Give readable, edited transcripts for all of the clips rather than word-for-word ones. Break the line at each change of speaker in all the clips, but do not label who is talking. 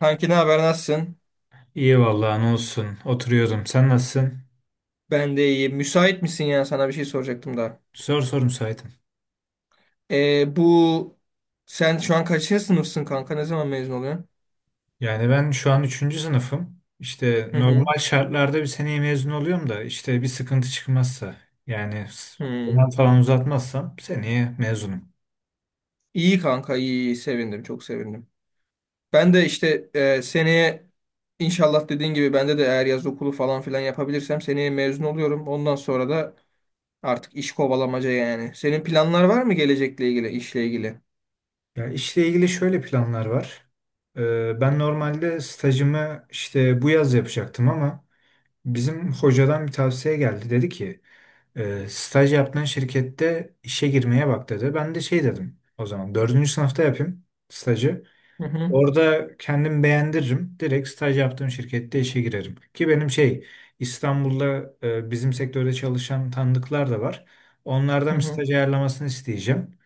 Kanki ne haber nasılsın?
İyi vallahi ne olsun. Oturuyordum. Sen nasılsın?
Ben de iyiyim. Müsait misin ya? Sana bir şey soracaktım da.
Zor soru müsaitim.
Bu sen şu an kaçıncı sınıfsın kanka? Ne zaman mezun oluyorsun?
Yani ben şu an üçüncü sınıfım. İşte
Hı hı.
normal şartlarda bir seneye mezun oluyorum da işte bir sıkıntı çıkmazsa yani
Hı.
zaman falan uzatmazsam seneye mezunum.
İyi kanka, iyi, iyi. Sevindim, çok sevindim. Ben de işte seneye inşallah dediğin gibi bende de eğer yaz okulu falan filan yapabilirsem seneye mezun oluyorum. Ondan sonra da artık iş kovalamaca yani. Senin planlar var mı gelecekle ilgili, işle ilgili?
Ya işle ilgili şöyle planlar var. Ben normalde stajımı işte bu yaz yapacaktım ama bizim hocadan bir tavsiye geldi. Dedi ki staj yaptığın şirkette işe girmeye bak dedi. Ben de şey dedim o zaman dördüncü sınıfta yapayım stajı.
Hı hı.
Orada kendim beğendiririm. Direkt staj yaptığım şirkette işe girerim. Ki benim şey İstanbul'da bizim sektörde çalışan tanıdıklar da var.
Hı
Onlardan bir
hı.
staj ayarlamasını isteyeceğim.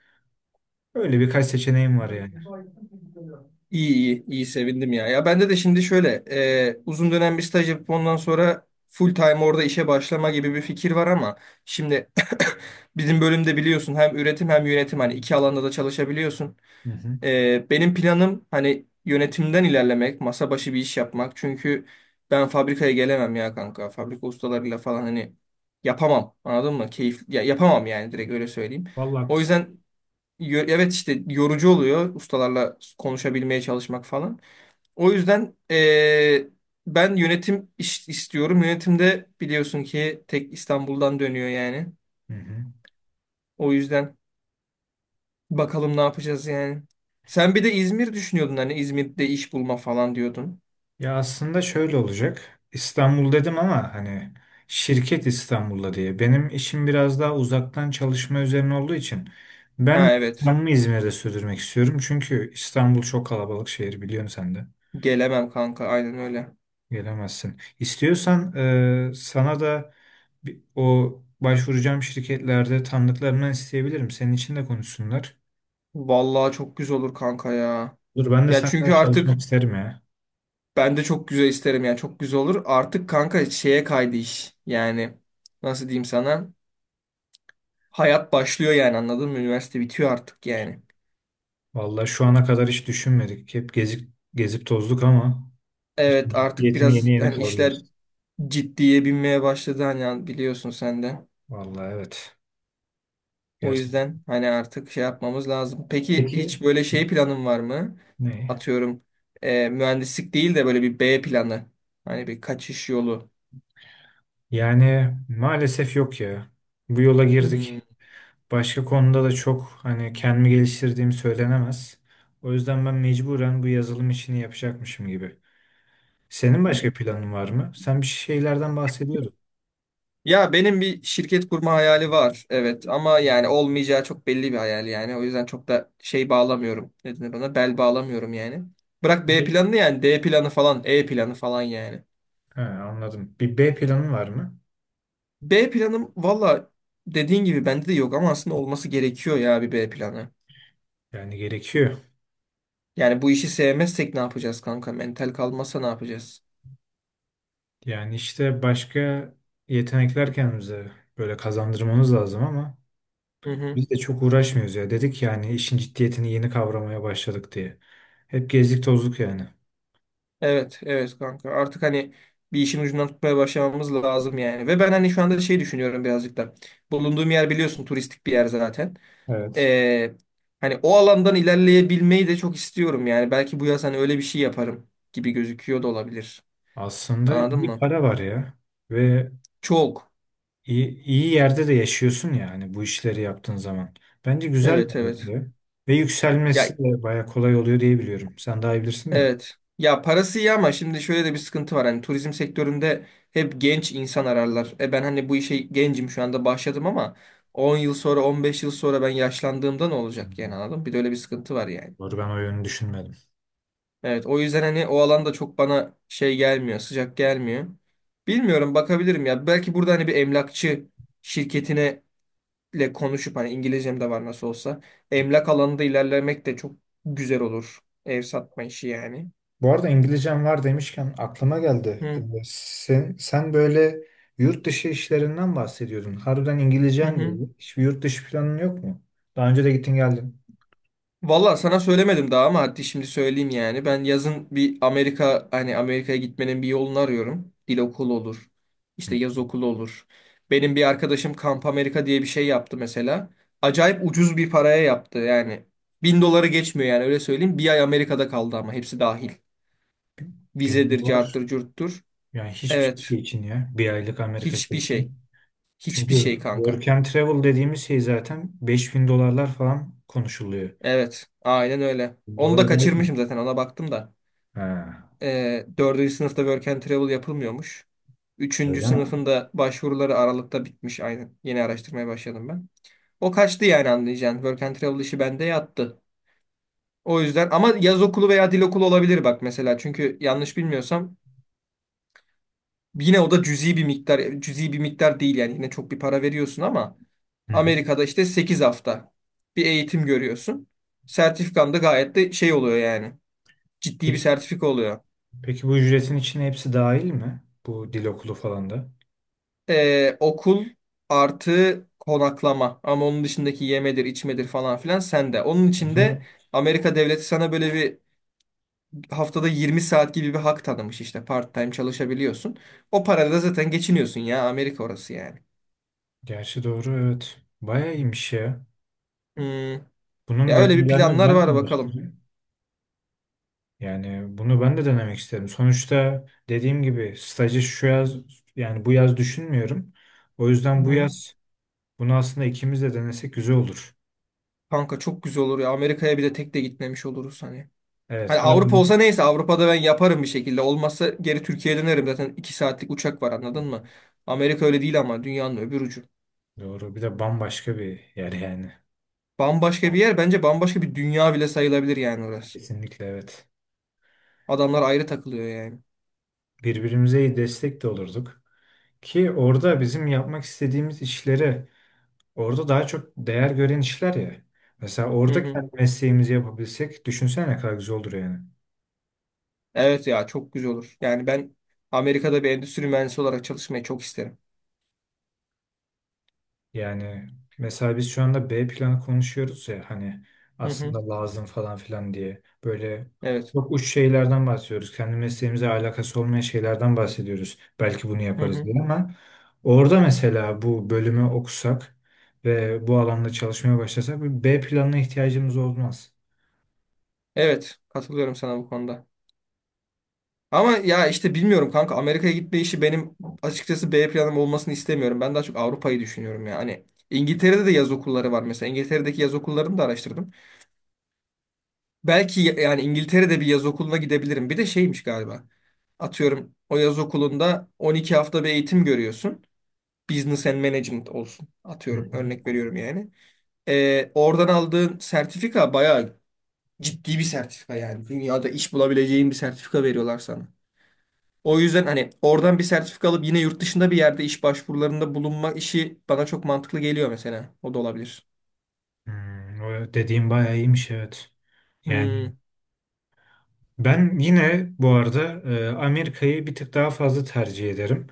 Öyle birkaç seçeneğim var yani.
İyi, iyi, iyi, sevindim ya. Ya bende de şimdi şöyle uzun dönem bir staj yapıp ondan sonra full time orada işe başlama gibi bir fikir var ama şimdi bizim bölümde biliyorsun hem üretim hem yönetim, hani iki alanda da çalışabiliyorsun.
Hı hı.
Benim planım hani yönetimden ilerlemek, masa başı bir iş yapmak. Çünkü ben fabrikaya gelemem ya kanka. Fabrika ustalarıyla falan hani yapamam. Anladın mı? Keyif ya, yapamam yani, direkt öyle söyleyeyim.
Vallahi
O
haklısın.
yüzden evet, işte yorucu oluyor ustalarla konuşabilmeye çalışmak falan. O yüzden ben yönetim iş istiyorum. Yönetimde biliyorsun ki tek İstanbul'dan dönüyor yani.
Hı hı.
O yüzden bakalım ne yapacağız yani. Sen bir de İzmir düşünüyordun, hani İzmir'de iş bulma falan diyordun.
Ya aslında şöyle olacak. İstanbul dedim ama hani şirket İstanbul'da diye. Benim işim biraz daha uzaktan çalışma üzerine olduğu için ben
Ha, evet.
yaşamımı İzmir'de sürdürmek istiyorum. Çünkü İstanbul çok kalabalık şehir biliyorsun sen de.
Gelemem kanka, aynen öyle.
Gelemezsin. İstiyorsan sana da o başvuracağım şirketlerde tanıdıklarımdan isteyebilirim. Senin için de konuşsunlar.
Vallahi çok güzel olur kanka ya.
Dur ben de
Ya
senden
çünkü
çalışmak
artık.
isterim ya.
Ben de çok güzel isterim yani, çok güzel olur. Artık kanka şeye kaydı iş. Yani nasıl diyeyim sana? Hayat başlıyor yani, anladın mı? Üniversite bitiyor artık yani.
Vallahi şu ana kadar hiç düşünmedik. Hep gezip gezip tozduk ama. İşin
Evet, artık
ciddiyetini yeni
biraz
yeni
hani işler
kavruyoruz.
ciddiye binmeye başladı, hani biliyorsun sen de.
Vallahi evet.
O
Gerçekten.
yüzden hani artık şey yapmamız lazım. Peki
Peki
hiç böyle şey planın var mı?
ne?
Atıyorum mühendislik değil de böyle bir B planı. Hani bir kaçış yolu.
Yani maalesef yok ya. Bu yola
Hmm.
girdik. Başka konuda da çok hani kendimi geliştirdiğim söylenemez. O yüzden ben mecburen bu yazılım işini yapacakmışım gibi. Senin başka planın var mı? Sen bir şeylerden bahsediyordun.
Ya, benim bir şirket kurma hayali var. Evet ama yani olmayacağı çok belli bir hayal yani. O yüzden çok da şey bağlamıyorum. Ne denir ona? Bel bağlamıyorum yani. Bırak B
Ne?
planını, yani D planı falan, E planı falan yani.
He, anladım. Bir B planın var mı?
B planım valla dediğin gibi bende de yok ama aslında olması gerekiyor ya bir B planı.
Yani gerekiyor.
Yani bu işi sevmezsek ne yapacağız kanka? Mental kalmazsa ne yapacağız?
Yani işte başka yetenekler kendimize böyle kazandırmamız lazım ama
Hı hı.
biz de çok uğraşmıyoruz ya. Dedik yani işin ciddiyetini yeni kavramaya başladık diye. Hep gezdik tozduk yani.
Evet, evet kanka. Artık hani bir işin ucundan tutmaya başlamamız lazım yani. Ve ben hani şu anda şey düşünüyorum birazcık da. Bulunduğum yer biliyorsun turistik bir yer zaten.
Evet.
Ee, hani o alandan ilerleyebilmeyi de çok istiyorum yani. Belki bu yaz hani öyle bir şey yaparım gibi gözüküyor da olabilir.
Aslında
Anladın
iyi
mı?
para var ya ve
Çok.
iyi, iyi yerde de yaşıyorsun yani bu işleri yaptığın zaman. Bence güzel bir
Evet,
hayat
evet.
ya. Ve
Ya,
yükselmesi de baya kolay oluyor diye biliyorum. Sen daha iyi bilirsin de.
evet. Ya, parası iyi ama şimdi şöyle de bir sıkıntı var. Hani turizm sektöründe hep genç insan ararlar. E, ben hani bu işe gencim şu anda başladım ama 10 yıl sonra, 15 yıl sonra, ben yaşlandığımda ne
Hı
olacak yani,
hı.
anladın mı? Bir de öyle bir sıkıntı var yani.
Doğru ben o yönü düşünmedim.
Evet, o yüzden hani o alanda çok bana şey gelmiyor, sıcak gelmiyor. Bilmiyorum, bakabilirim ya. Belki burada hani bir emlakçı şirketine ile konuşup, hani İngilizcem de var nasıl olsa. Emlak alanında ilerlemek de çok güzel olur. Ev satma işi yani.
Bu arada İngilizcem var demişken aklıma geldi. Ee,
Hı
Sen, sen böyle yurt dışı işlerinden bahsediyordun. Harbiden
hı.
İngilizcen değil
Hı.
iyi. Hiçbir yurt dışı planın yok mu? Daha önce de gittin geldin.
Valla sana söylemedim daha ama hadi şimdi söyleyeyim yani. Ben yazın bir Amerika, hani Amerika'ya gitmenin bir yolunu arıyorum. Dil okulu olur. İşte
Hı.
yaz okulu olur. Benim bir arkadaşım Kamp Amerika diye bir şey yaptı mesela. Acayip ucuz bir paraya yaptı yani. 1000 doları geçmiyor yani, öyle söyleyeyim. Bir ay Amerika'da kaldı ama hepsi dahil.
Benim
Vizedir, carttır,
var.
curttur.
Yani hiçbir
Evet.
şey için ya. Bir aylık Amerika şey
Hiçbir şey.
için. Çünkü
Hiçbir şey kanka.
work and travel dediğimiz şey zaten 5.000 dolarlar falan konuşuluyor.
Evet. Aynen öyle.
Bin
Onu
Dolar
da
gayet iyi.
kaçırmışım zaten, ona baktım da.
Ha,
Dördüncü sınıfta Work and Travel yapılmıyormuş. Üçüncü
öyle mi?
sınıfın da başvuruları Aralık'ta bitmiş aynen. Yeni araştırmaya başladım ben. O kaçtı yani, anlayacağın. Work and Travel işi bende yattı. O yüzden ama yaz okulu veya dil okulu olabilir bak mesela. Çünkü yanlış bilmiyorsam yine o da cüzi bir miktar. Cüzi bir miktar değil yani, yine çok bir para veriyorsun ama
Hı hı.
Amerika'da işte 8 hafta bir eğitim görüyorsun. Sertifikan da gayet de şey oluyor yani. Ciddi bir
Peki,
sertifika oluyor.
peki bu ücretin içine hepsi dahil mi? Bu dil okulu falan da.
Okul artı konaklama, ama onun dışındaki yemedir, içmedir falan filan sende. Onun için de Amerika devleti sana böyle bir haftada 20 saat gibi bir hak tanımış, işte part time çalışabiliyorsun. O parayla da zaten geçiniyorsun ya, Amerika orası yani.
Gerçi doğru evet. Bayağı iyiymiş ya.
Hmm,
Bunun
Ya öyle bir
detaylarını
planlar
ben
var,
de
bakalım.
araştırayım. Yani bunu ben de denemek isterim. Sonuçta dediğim gibi stajı şu yaz yani bu yaz düşünmüyorum. O yüzden bu
Hı.
yaz bunu aslında ikimiz de denesek güzel olur.
Kanka çok güzel olur ya, Amerika'ya bir de tek de gitmemiş oluruz hani.
Evet
Hani Avrupa
harbiden
olsa neyse, Avrupa'da ben yaparım bir şekilde. Olmazsa geri Türkiye'ye dönerim zaten, 2 saatlik uçak var, anladın mı? Amerika öyle değil ama, dünyanın öbür ucu.
doğru. Bir de bambaşka bir yer yani.
Bambaşka bir yer, bence bambaşka bir dünya bile sayılabilir yani orası.
Kesinlikle evet.
Adamlar ayrı takılıyor yani.
Birbirimize iyi destek de olurduk. Ki orada bizim yapmak istediğimiz işlere. Orada daha çok değer gören işler ya. Mesela
Hı
orada
hı.
kendi mesleğimizi yapabilsek düşünsene ne kadar güzel olur yani.
Evet ya, çok güzel olur. Yani ben Amerika'da bir endüstri mühendisi olarak çalışmayı çok isterim.
Yani mesela biz şu anda B planı konuşuyoruz ya hani
Hı hı.
aslında lazım falan filan diye. Böyle
Evet.
çok uç şeylerden bahsediyoruz. Kendi mesleğimize alakası olmayan şeylerden bahsediyoruz. Belki bunu
Hı
yaparız
hı.
diye ama orada mesela bu bölümü okusak ve bu alanda çalışmaya başlasak bir B planına ihtiyacımız olmaz.
Evet, katılıyorum sana bu konuda. Ama ya işte bilmiyorum kanka, Amerika'ya gitme işi benim açıkçası B planım olmasını istemiyorum. Ben daha çok Avrupa'yı düşünüyorum ya. Hani İngiltere'de de yaz okulları var mesela. İngiltere'deki yaz okullarını da araştırdım. Belki yani İngiltere'de bir yaz okuluna gidebilirim. Bir de şeymiş galiba. Atıyorum o yaz okulunda 12 hafta bir eğitim görüyorsun. Business and Management olsun.
Hı
Atıyorum,
hı.
örnek veriyorum yani. Oradan aldığın sertifika bayağı ciddi bir sertifika yani. Dünyada iş bulabileceğin bir sertifika veriyorlar sana. O yüzden hani oradan bir sertifika alıp yine yurt dışında bir yerde iş başvurularında bulunma işi bana çok mantıklı geliyor mesela. O da olabilir.
O dediğim bayağı iyiymiş evet. Yani
Hmm.
ben yine bu arada Amerika'yı bir tık daha fazla tercih ederim.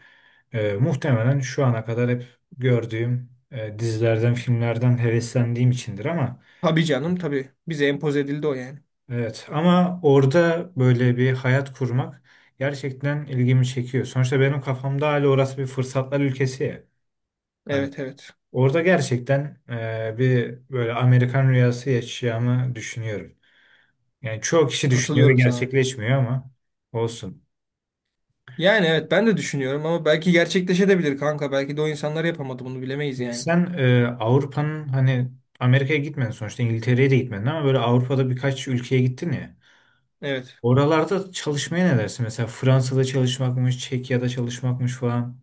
Muhtemelen şu ana kadar hep gördüğüm dizilerden, filmlerden heveslendiğim içindir ama
Tabii canım, tabii. Bize empoze edildi o yani.
evet, ama orada böyle bir hayat kurmak gerçekten ilgimi çekiyor. Sonuçta benim kafamda hala orası bir fırsatlar ülkesi ya. Hani
Evet, evet.
orada gerçekten bir böyle Amerikan rüyası yaşayacağımı düşünüyorum. Yani çoğu kişi düşünüyor ve
Katılıyorum sana.
gerçekleşmiyor ama olsun.
Yani evet, ben de düşünüyorum ama belki gerçekleşebilir kanka. Belki de o insanlar yapamadı bunu, bilemeyiz yani.
Sen Avrupa'nın hani Amerika'ya gitmedin sonuçta İngiltere'ye de gitmedin ama böyle Avrupa'da birkaç ülkeye gittin ya.
Evet.
Oralarda çalışmaya ne dersin? Mesela Fransa'da çalışmakmış, Çekya'da çalışmakmış falan.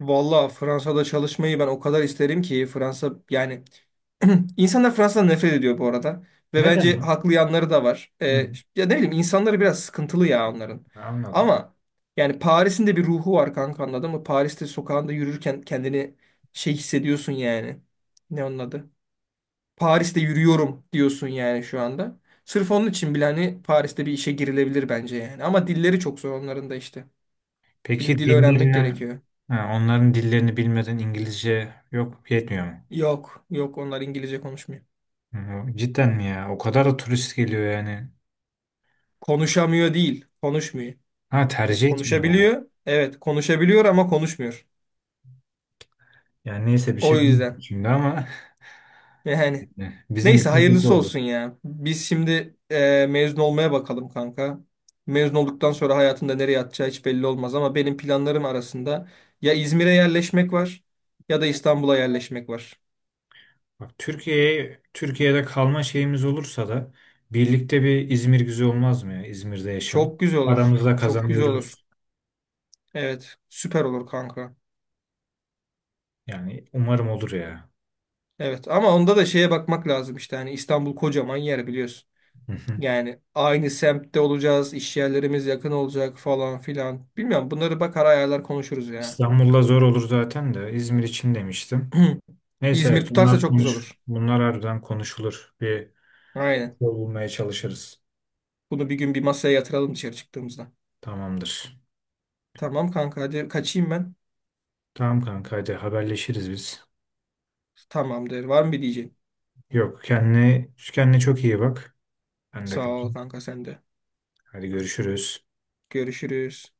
Valla, Fransa'da çalışmayı ben o kadar isterim ki, Fransa yani. insanlar Fransa'dan nefret ediyor bu arada. Ve
Neden
bence
o?
haklı yanları da var. Ee,
Hı,
ya ne bileyim, insanları biraz sıkıntılı ya onların.
anladım.
Ama yani Paris'in de bir ruhu var kanka, anladın mı? Paris'te sokağında yürürken kendini şey hissediyorsun yani. Ne onun adı? Paris'te yürüyorum diyorsun yani şu anda. Sırf onun için bile hani Paris'te bir işe girilebilir bence yani. Ama dilleri çok zor onların da işte. Bir de
Peki
dil öğrenmek
dillerinden,
gerekiyor.
ha, onların dillerini bilmeden İngilizce yok yetmiyor mu?
Yok, yok, onlar İngilizce konuşmuyor.
Hı, cidden mi ya? O kadar da turist geliyor yani.
Konuşamıyor değil, konuşmuyor.
Ha,
Yani
tercih etmiyorlar.
konuşabiliyor, evet konuşabiliyor ama konuşmuyor.
Yani neyse bir
O
şey demeyeyim
yüzden
şimdi ama
yani.
bizim
Neyse,
için kötü
hayırlısı
oldu.
olsun ya. Biz şimdi mezun olmaya bakalım kanka. Mezun olduktan sonra hayatında nereye atacağı hiç belli olmaz, ama benim planlarım arasında ya İzmir'e yerleşmek var, ya da İstanbul'a yerleşmek var.
Bak Türkiye'de kalma şeyimiz olursa da birlikte bir İzmir güzel olmaz mı ya? İzmir'de yaşam.
Çok güzel olur.
Paramızla
Çok güzel olur.
kazanıyoruz.
Evet, süper olur kanka.
Yani umarım olur ya.
Evet ama onda da şeye bakmak lazım işte, hani İstanbul kocaman yer, biliyorsun.
Hı hı.
Yani aynı semtte olacağız, iş yerlerimiz yakın olacak falan filan. Bilmiyorum, bunları bakar ayarlar konuşuruz ya.
İstanbul'da zor olur zaten de İzmir için demiştim. Neyse
İzmir
evet, bunlar
tutarsa çok güzel
konuş.
olur.
Bunlar harbiden konuşulur. Bir
Aynen.
yol bulmaya çalışırız.
Bunu bir gün bir masaya yatıralım dışarı çıktığımızda.
Tamamdır.
Tamam kanka, hadi kaçayım ben.
Tamam kanka hadi haberleşiriz biz.
Tamam der. Var mı bir diyeceğin?
Yok kendine, kendine çok iyi bak. Ben de
Sağ ol
kaçayım.
kanka, sen de.
Hadi görüşürüz.
Görüşürüz.